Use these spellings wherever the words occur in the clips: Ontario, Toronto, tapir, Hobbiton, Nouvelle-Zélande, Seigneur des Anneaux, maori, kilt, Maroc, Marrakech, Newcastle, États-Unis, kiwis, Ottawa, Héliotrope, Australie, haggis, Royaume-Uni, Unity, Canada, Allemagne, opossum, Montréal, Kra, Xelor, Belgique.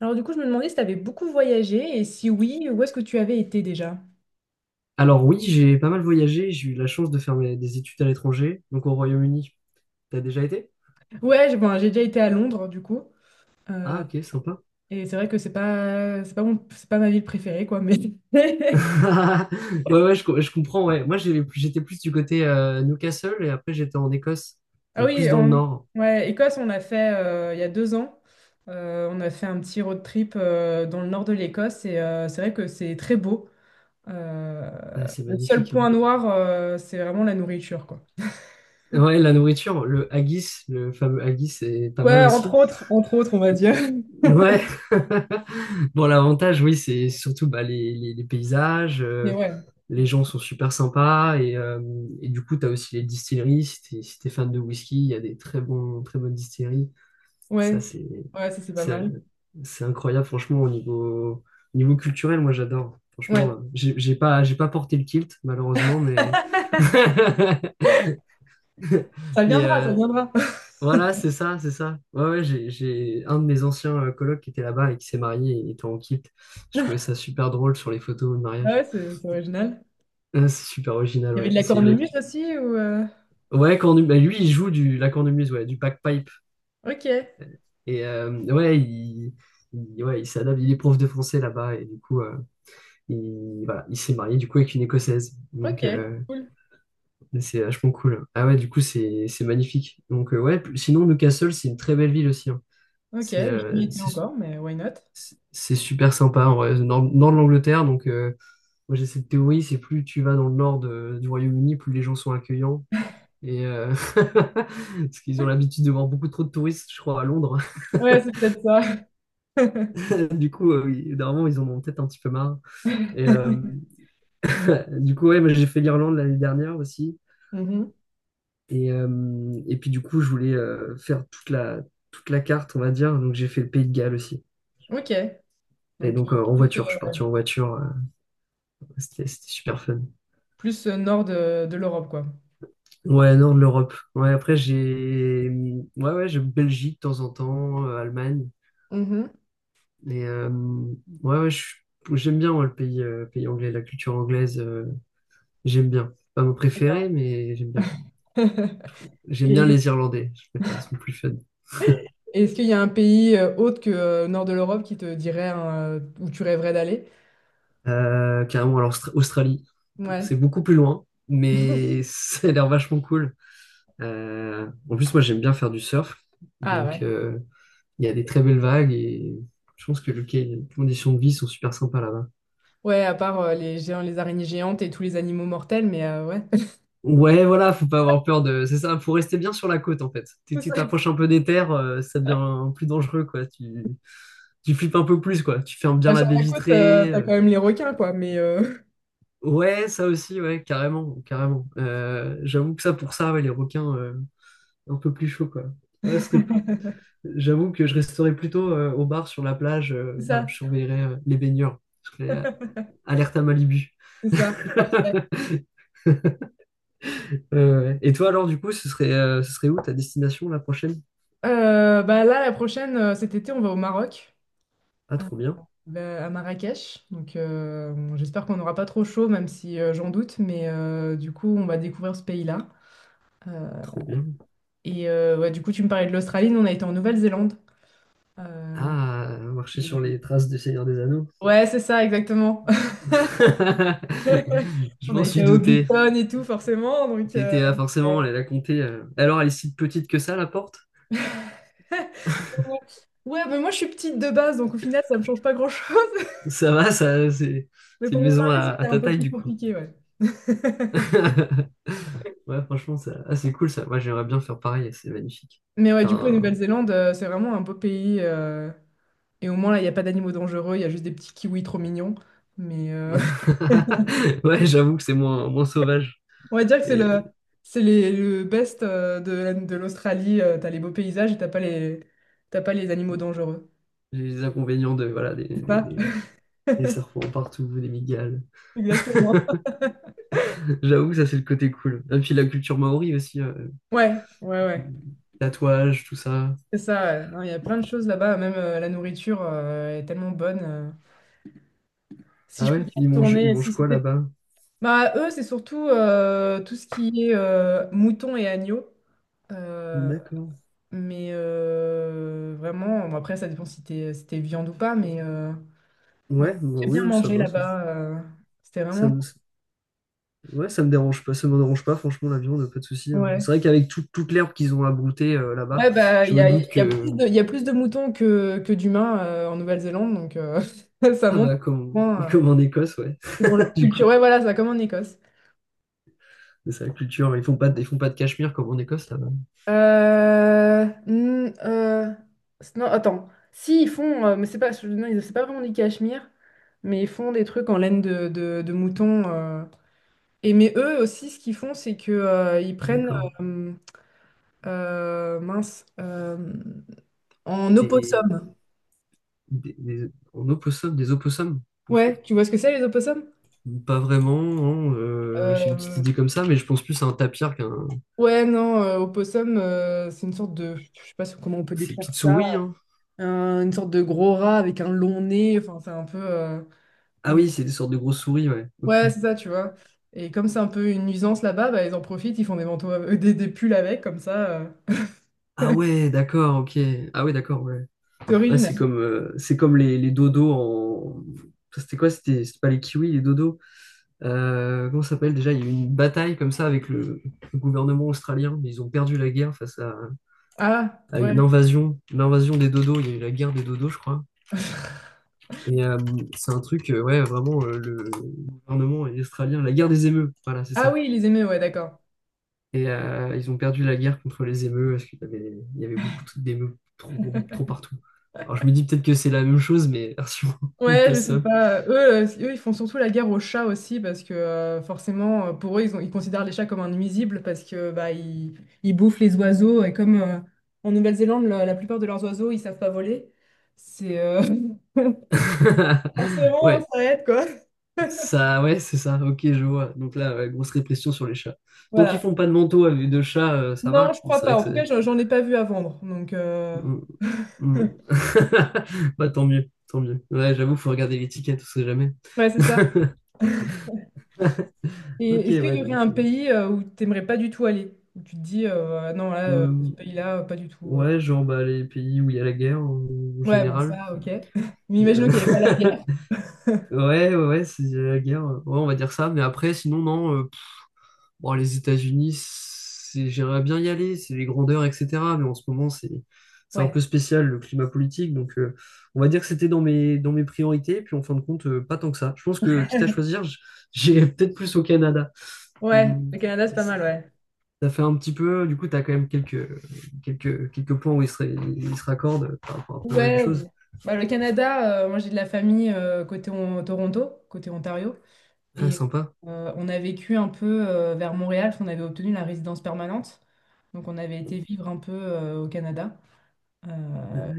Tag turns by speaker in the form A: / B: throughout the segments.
A: Alors du coup, je me demandais si tu avais beaucoup voyagé et si oui, où est-ce que tu avais été déjà?
B: Alors oui, j'ai pas mal voyagé, j'ai eu la chance de faire des études à l'étranger, donc au Royaume-Uni. T'as déjà été?
A: Ouais, j'ai bon, j'ai déjà été à Londres du coup.
B: Ah,
A: Euh,
B: ok, sympa.
A: et c'est vrai que c'est pas mon- c'est pas ma ville préférée quoi, mais
B: Ouais, ouais, je comprends, ouais. Moi, j'étais plus du côté Newcastle et après j'étais en Écosse,
A: Ah
B: donc
A: oui,
B: plus dans le nord.
A: ouais, Écosse, on a fait il y a deux ans. On a fait un petit road trip dans le nord de l'Écosse et c'est vrai que c'est très beau. Euh,
B: Ah, c'est
A: le seul
B: magnifique,
A: point
B: hein.
A: noir, c'est vraiment la nourriture quoi.
B: Ouais, la nourriture, le haggis, le fameux haggis, c'est pas mal
A: Ouais,
B: aussi.
A: entre autres, on va dire.
B: Ouais. Bon, l'avantage, oui, c'est surtout bah, les paysages.
A: Mais ouais,
B: Les gens sont super sympas, et du coup, tu as aussi les distilleries. Si t'es fan de whisky, il y a des très bons, très bonnes distilleries. Ça,
A: ouais,
B: c'est,
A: ouais, ça c'est pas
B: ça-
A: mal.
B: c'est incroyable, franchement, au niveau, culturel, moi, j'adore. Franchement,
A: Ouais.
B: j'ai pas porté le kilt, malheureusement. Mais.
A: Ça
B: Mais
A: viendra, ça viendra.
B: voilà, c'est ça, c'est ça. Ouais, ouais, j'ai un de mes anciens colocs qui était là-bas et qui s'est marié et était en kilt. Je trouvais ça super drôle sur les photos de
A: Ah ouais,
B: mariage.
A: c'est original.
B: C'est super original,
A: Il y avait de
B: ouais.
A: la
B: C'est une autre.
A: cornemuse aussi ou
B: Ouais, bah, lui, il joue la cornemuse, ouais, du bagpipe.
A: OK,
B: Et ouais, ouais, il s'adapte, il est prof de français là-bas, et du coup, voilà, il s'est marié du coup avec une Écossaise. Donc,
A: OK, cool.
B: c'est vachement cool. Ah ouais, du coup, c'est magnifique. Donc, ouais, sinon, Newcastle, c'est une très belle ville aussi, hein.
A: OK,
B: C'est
A: j'ai jamais
B: euh,
A: été
B: c'est
A: encore, mais why not?
B: c'est super sympa, en vrai. Nord de l'Angleterre, donc moi j'ai cette théorie, c'est plus tu vas dans le nord du Royaume-Uni, plus les gens sont accueillants. Et parce qu'ils ont l'habitude de voir beaucoup trop de touristes, je crois, à Londres.
A: Ouais, c'est peut-être ça.
B: Du coup, normalement, ils en ont peut-être un petit peu marre. Et du coup, ouais, moi, j'ai fait l'Irlande l'année dernière aussi.
A: Mhm.
B: Et puis, du coup, je voulais faire toute la carte, on va dire. Donc, j'ai fait le Pays de Galles aussi.
A: OK.
B: Et
A: Donc
B: donc,
A: euh,
B: en
A: plus,
B: voiture, je
A: euh,
B: suis parti en voiture. C'était super fun.
A: plus, euh, nord de l'Europe, quoi.
B: Ouais, nord de l'Europe. Ouais, après, j'ai ouais, ouais, j'ai Belgique de temps en temps, Allemagne.
A: Mhm.
B: Mais ouais, ouais, j'aime bien moi, le pays anglais, la culture anglaise, j'aime bien. Pas mon
A: D'accord.
B: préféré, mais j'aime bien. J'aime bien
A: Et
B: les Irlandais, je préfère, ils sont plus fun.
A: et est-ce qu'il y a un pays autre que nord de l'Europe qui te dirait hein, où tu rêverais d'aller?
B: Carrément, alors Australie, c'est
A: Ouais.
B: beaucoup plus loin, mais ça a l'air vachement cool. En plus, moi j'aime bien faire du surf,
A: Ah
B: donc
A: ouais.
B: il y a des très belles vagues et je pense que les conditions de vie sont super sympas là-bas.
A: Ouais, à part les géants, les araignées géantes et tous les animaux mortels, mais ouais.
B: Ouais, voilà, faut pas avoir peur de. C'est ça, faut rester bien sur la côte en fait. Tu
A: C'est
B: tu
A: ça.
B: t'approches un peu des terres, ça devient plus dangereux quoi. Tu flippes un peu plus quoi. Tu fermes bien
A: Bah,
B: la
A: sur
B: baie
A: la côte,
B: vitrée.
A: t'as quand même les requins, quoi, mais
B: Ouais, ça aussi, ouais, carrément, carrément. J'avoue que ça pour ça, ouais, les requins un peu plus chaud quoi. Ouais, ce serait plus- J'avoue que je resterais plutôt au bar sur la plage.
A: c'est
B: Voilà,
A: ça,
B: je surveillerais les baigneurs. Je serais alerte à Malibu.
A: c'est ça, parfait.
B: Ouais, ouais. Et toi alors du coup, ce serait où ta destination la prochaine?
A: Bah là, la prochaine, cet été, on va au Maroc,
B: Ah,
A: euh,
B: trop bien.
A: bah, à Marrakech. Donc, bon, j'espère qu'on n'aura pas trop chaud, même si j'en doute, mais du coup, on va découvrir ce pays-là. Euh,
B: Trop bien.
A: et ouais, du coup, tu me parlais de l'Australie, nous, on a été en Nouvelle-Zélande. Euh,
B: Ah, marcher
A: et-
B: sur les traces du Seigneur des Anneaux.
A: Ouais, c'est ça, exactement.
B: Je
A: On a
B: m'en
A: été
B: suis
A: à
B: douté.
A: Hobbiton et tout, forcément, donc.
B: T'étais ah, forcément allé la compter. Alors, elle est si petite que ça, la porte?
A: Ouais, ouais, mais moi je suis petite de base, donc au final ça me change pas grand-chose.
B: Ça va, ça, c'est
A: Mais
B: c'est
A: pour
B: une
A: mon
B: maison
A: mari,
B: à
A: c'était un
B: ta
A: peu
B: taille,
A: plus
B: du coup.
A: compliqué, ouais.
B: Ouais, franchement, ça, ah, c'est cool ça. Moi, j'aimerais bien faire pareil, c'est magnifique.
A: Mais ouais, du coup, la
B: Enfin,
A: Nouvelle-Zélande, c'est vraiment un beau pays. Et au moins, là, il n'y a pas d'animaux dangereux, il y a juste des petits kiwis trop mignons. Mais
B: ouais, j'avoue que c'est moins, moins sauvage.
A: on va dire que c'est le,
B: Et
A: c'est les- le best de, de l'Australie. T'as les beaux paysages et t'as pas les animaux dangereux.
B: j'ai les inconvénients de, voilà,
A: Pas
B: des serpents partout, des migales.
A: exactement.
B: J'avoue que ça, c'est le côté cool. Et puis la culture maori aussi.
A: Ouais, ouais, ouais.
B: Tatouages, tout ça.
A: C'est ça. Ouais. Non, il y a plein de choses là-bas. Même la nourriture est tellement bonne. Si
B: Ah
A: je pouvais
B: ouais, ils mangent, ils
A: retourner,
B: mangent
A: si
B: quoi
A: c'était...
B: là-bas?
A: Bah, eux, c'est surtout tout ce qui est moutons et agneaux. Euh,
B: D'accord.
A: mais vraiment, bon, après, ça dépend si t'es viande ou pas, mais
B: Ouais, bah
A: j'ai
B: oui,
A: bien
B: oui, ça
A: mangé
B: va.
A: là-bas. C'était
B: Ça
A: vraiment...
B: me, ouais, ça me dérange pas. Ça me dérange pas, franchement, la viande, pas de souci, hein. C'est
A: Ouais.
B: vrai qu'avec toute l'herbe qu'ils ont abroutée là-bas,
A: Ouais, bah,
B: je me
A: il
B: doute
A: y a
B: que.
A: il y a plus de moutons que d'humains en Nouvelle-Zélande, donc ça
B: Ah
A: montre
B: bah, comme,
A: vraiment,
B: comme en Écosse, ouais.
A: c'est dans leur
B: Du
A: culture.
B: coup,
A: Ouais, voilà, ça, comme en Écosse.
B: mais c'est la culture. Ils font pas, de- ils font pas de cachemire comme en Écosse là-bas.
A: Euh, n- euh, non, attends. Si, ils font, mais c'est pas, non, c'est pas vraiment du cachemire, mais ils font des trucs en laine de mouton. Et mais eux aussi, ce qu'ils font, c'est que ils prennent,
B: D'accord.
A: euh, euh, mince, euh, en
B: Des,
A: opossum.
B: en opossum, des opossums. Ouf.
A: Ouais, tu vois ce que c'est les opossums?
B: Pas vraiment, hein, j'ai une petite
A: Euh,
B: idée comme ça, mais je pense plus à un tapir qu'un.
A: ouais, non, opossum, c'est une sorte de, je sais pas si, comment on peut
B: Ces
A: décrire
B: petites
A: ça,
B: souris, hein.
A: une sorte de gros rat avec un long nez. Enfin, c'est un peu.
B: Ah
A: Mais
B: oui, c'est des sortes de grosses souris, ouais, ok.
A: ouais, c'est ça, tu vois. Et comme c'est un peu une nuisance là-bas, bah, ils en profitent, ils font des manteaux, des pulls avec, comme ça.
B: Ah ouais, d'accord, ok. Ah ouais, d'accord, ouais.
A: C'est
B: Ouais,
A: original.
B: c'est comme les dodos en. Ça, c'était quoi? C'était pas les kiwis, les dodos. Comment ça s'appelle déjà? Il y a eu une bataille comme ça avec le gouvernement australien. Ils ont perdu la guerre face à,
A: Ah,
B: à
A: ouais.
B: une invasion, l'invasion des dodos. Il y a eu la guerre des dodos, je crois. Et c'est un truc, ouais, vraiment, le gouvernement est australien, la guerre des émeutes, voilà, c'est
A: Ah
B: ça.
A: oui, les aimaient, ouais, d'accord.
B: Et ils ont perdu la guerre contre les émeutes parce qu'il y avait beaucoup d'émeutes trop, trop partout. Alors je me dis peut-être que c'est la même chose, mais version
A: Ouais, je sais
B: possum.
A: pas. Eux, ils font surtout la guerre aux chats aussi parce que forcément, pour eux, ils considèrent les chats comme un nuisible parce que bah ils, ils bouffent les oiseaux et comme en Nouvelle-Zélande, la plupart de leurs oiseaux, ils savent pas voler. C'est forcément
B: Ouais,
A: ça aide quoi.
B: ça, ouais, c'est ça, ok, je vois. Donc là, ouais, grosse répression sur les chats. Donc ils
A: Voilà.
B: font pas de manteau avec de chat, ça
A: Non,
B: va.
A: je
B: Mais
A: crois
B: c'est
A: pas.
B: vrai que
A: En tout cas,
B: c'est.
A: j'en ai pas vu à vendre. Donc.
B: Mm, mm. Bah tant mieux, tant mieux. Ouais, j'avoue, faut regarder l'étiquette, on sait jamais.
A: Ouais, c'est ça. Et
B: Ok,
A: est-ce qu'il
B: ouais,
A: y aurait
B: donc.
A: un pays où tu n'aimerais pas du tout aller? Où tu te dis, ah non, là,
B: Euh,
A: ce pays-là, pas du tout.
B: ouais, genre bah, les pays où il y a la guerre en
A: Ouais, bon,
B: général.
A: ça, ok. Mais imaginons
B: Euh,
A: qu'il n'y avait pas la guerre.
B: ouais, ouais, ouais, c'est il y a la guerre. Ouais, on va dire ça. Mais après, sinon, non. Bon, les États-Unis, j'aimerais bien y aller, c'est les grandeurs, etc. Mais en ce moment, c'est un
A: Ouais.
B: peu spécial le climat politique. Donc, on va dire que c'était dans mes, priorités. Puis en fin de compte, pas tant que ça. Je pense que, quitte à choisir, j'ai peut-être plus au Canada.
A: Ouais,
B: Mm,
A: le Canada, c'est pas mal, ouais.
B: Ça fait un petit peu, du coup, tu as quand même quelques points où ils se raccordent par rapport à pas mal de
A: Ouais.
B: choses.
A: Bah, le Canada, moi, j'ai de la famille Toronto, côté Ontario.
B: Ah,
A: Et
B: sympa.
A: on a vécu un peu vers Montréal, parce qu'on avait obtenu la résidence permanente. Donc, on avait été vivre un peu au Canada.
B: Ah,
A: euh,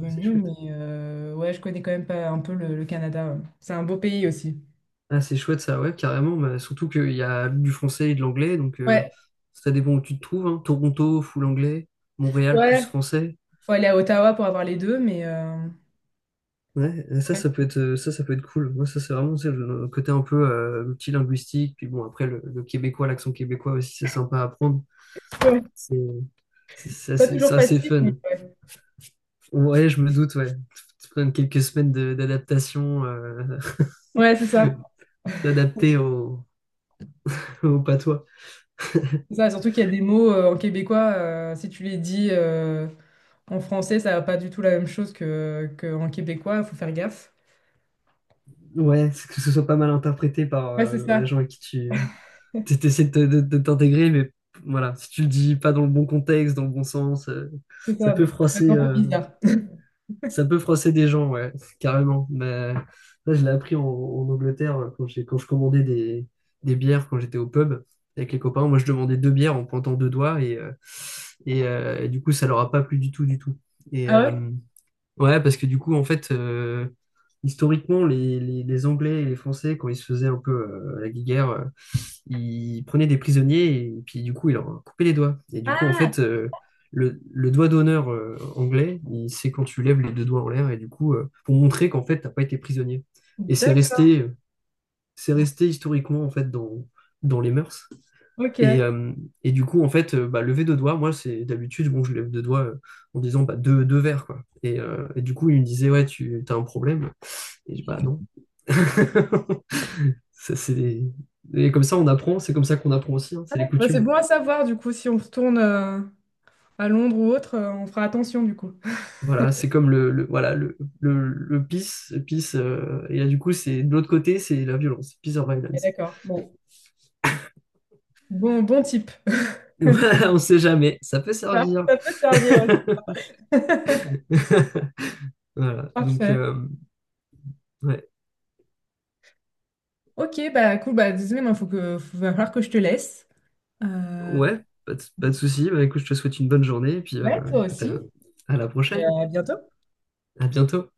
B: ouais, c'est chouette.
A: mais ouais, je connais quand même pas un peu le Canada. Ouais. C'est un beau pays aussi.
B: Ah, c'est chouette ça, ouais, carrément. Bah, surtout qu'il y a du français et de l'anglais, donc
A: Ouais,
B: ça dépend où tu te trouves, hein. Toronto, full anglais. Montréal, plus
A: ouais,
B: français.
A: faut aller à Ottawa pour avoir les deux, mais
B: Ouais, et ça,
A: ouais.
B: ça, ça peut être cool. Moi, ça, c'est vraiment tu sais, le côté un peu multilinguistique. Puis bon, après, le québécois, l'accent québécois aussi, c'est sympa à apprendre.
A: Ouais,
B: C'est c'est
A: pas
B: assez, c'est
A: toujours
B: assez
A: facile, mais
B: fun.
A: ouais.
B: Ouais, je me doute, ouais. Tu prends quelques semaines d'adaptation,
A: Ouais, c'est ça.
B: d'adapter au patois.
A: C'est ça, surtout qu'il y a des mots en québécois, si tu les dis en français, ça va pas du tout la même chose que en québécois, faut faire gaffe.
B: Ouais, c'est que ce soit pas mal interprété
A: Ouais, c'est
B: par les
A: ça.
B: gens à qui tu essaies de t'intégrer, mais voilà, si tu le dis pas dans le bon contexte, dans le bon sens,
A: C'est
B: ça
A: ça,
B: peut
A: donc ça peut être
B: froisser,
A: un peu
B: euh,
A: bizarre.
B: Ça peut froisser des gens, ouais, carrément. Mais là, je l'ai appris en Angleterre quand quand je commandais des bières quand j'étais au pub avec les copains. Moi, je demandais deux bières en pointant deux doigts et du coup, ça leur a pas plu du tout, du tout. Et
A: Ah ouais?
B: ouais, parce que du coup, en fait, historiquement, les Anglais et les Français, quand ils se faisaient un peu la guerre, il prenait des prisonniers et puis du coup il leur a coupé les doigts. Et du coup en
A: Ah
B: fait le doigt d'honneur anglais, c'est quand tu lèves les deux doigts en l'air et du coup pour montrer qu'en fait t'as pas été prisonnier. Et c'est
A: d'accord,
B: resté euh, c'est resté historiquement en fait dans les mœurs. Et,
A: ok.
B: euh, et du coup en fait bah, lever deux doigts, moi c'est d'habitude bon je lève deux doigts en disant bah deux verres quoi. Et du coup il me disait ouais tu as un problème et je dis bah non. Ça, c'est des- Et comme ça, on apprend, c'est comme ça qu'on apprend aussi, hein, c'est les
A: Bah, c'est
B: coutumes.
A: bon à savoir du coup si on retourne à Londres ou autre, on fera attention du coup.
B: Voilà, c'est comme voilà, le peace, et là, du coup, c'est de l'autre côté, c'est la violence, peace or
A: Et
B: violence.
A: d'accord, bon. Bon, bon type.
B: Voilà, on sait jamais, ça peut
A: Ça,
B: servir.
A: ça peut servir.
B: Voilà, donc,
A: Parfait.
B: ouais,
A: Ok, bah cool, bah désolé, il faut que, va falloir que je te laisse. Euh,
B: ouais, pas de souci. Bah, écoute, je te souhaite une bonne journée, et puis,
A: ouais, toi
B: écoute,
A: aussi.
B: à la
A: Et
B: prochaine,
A: à bientôt.
B: à bientôt.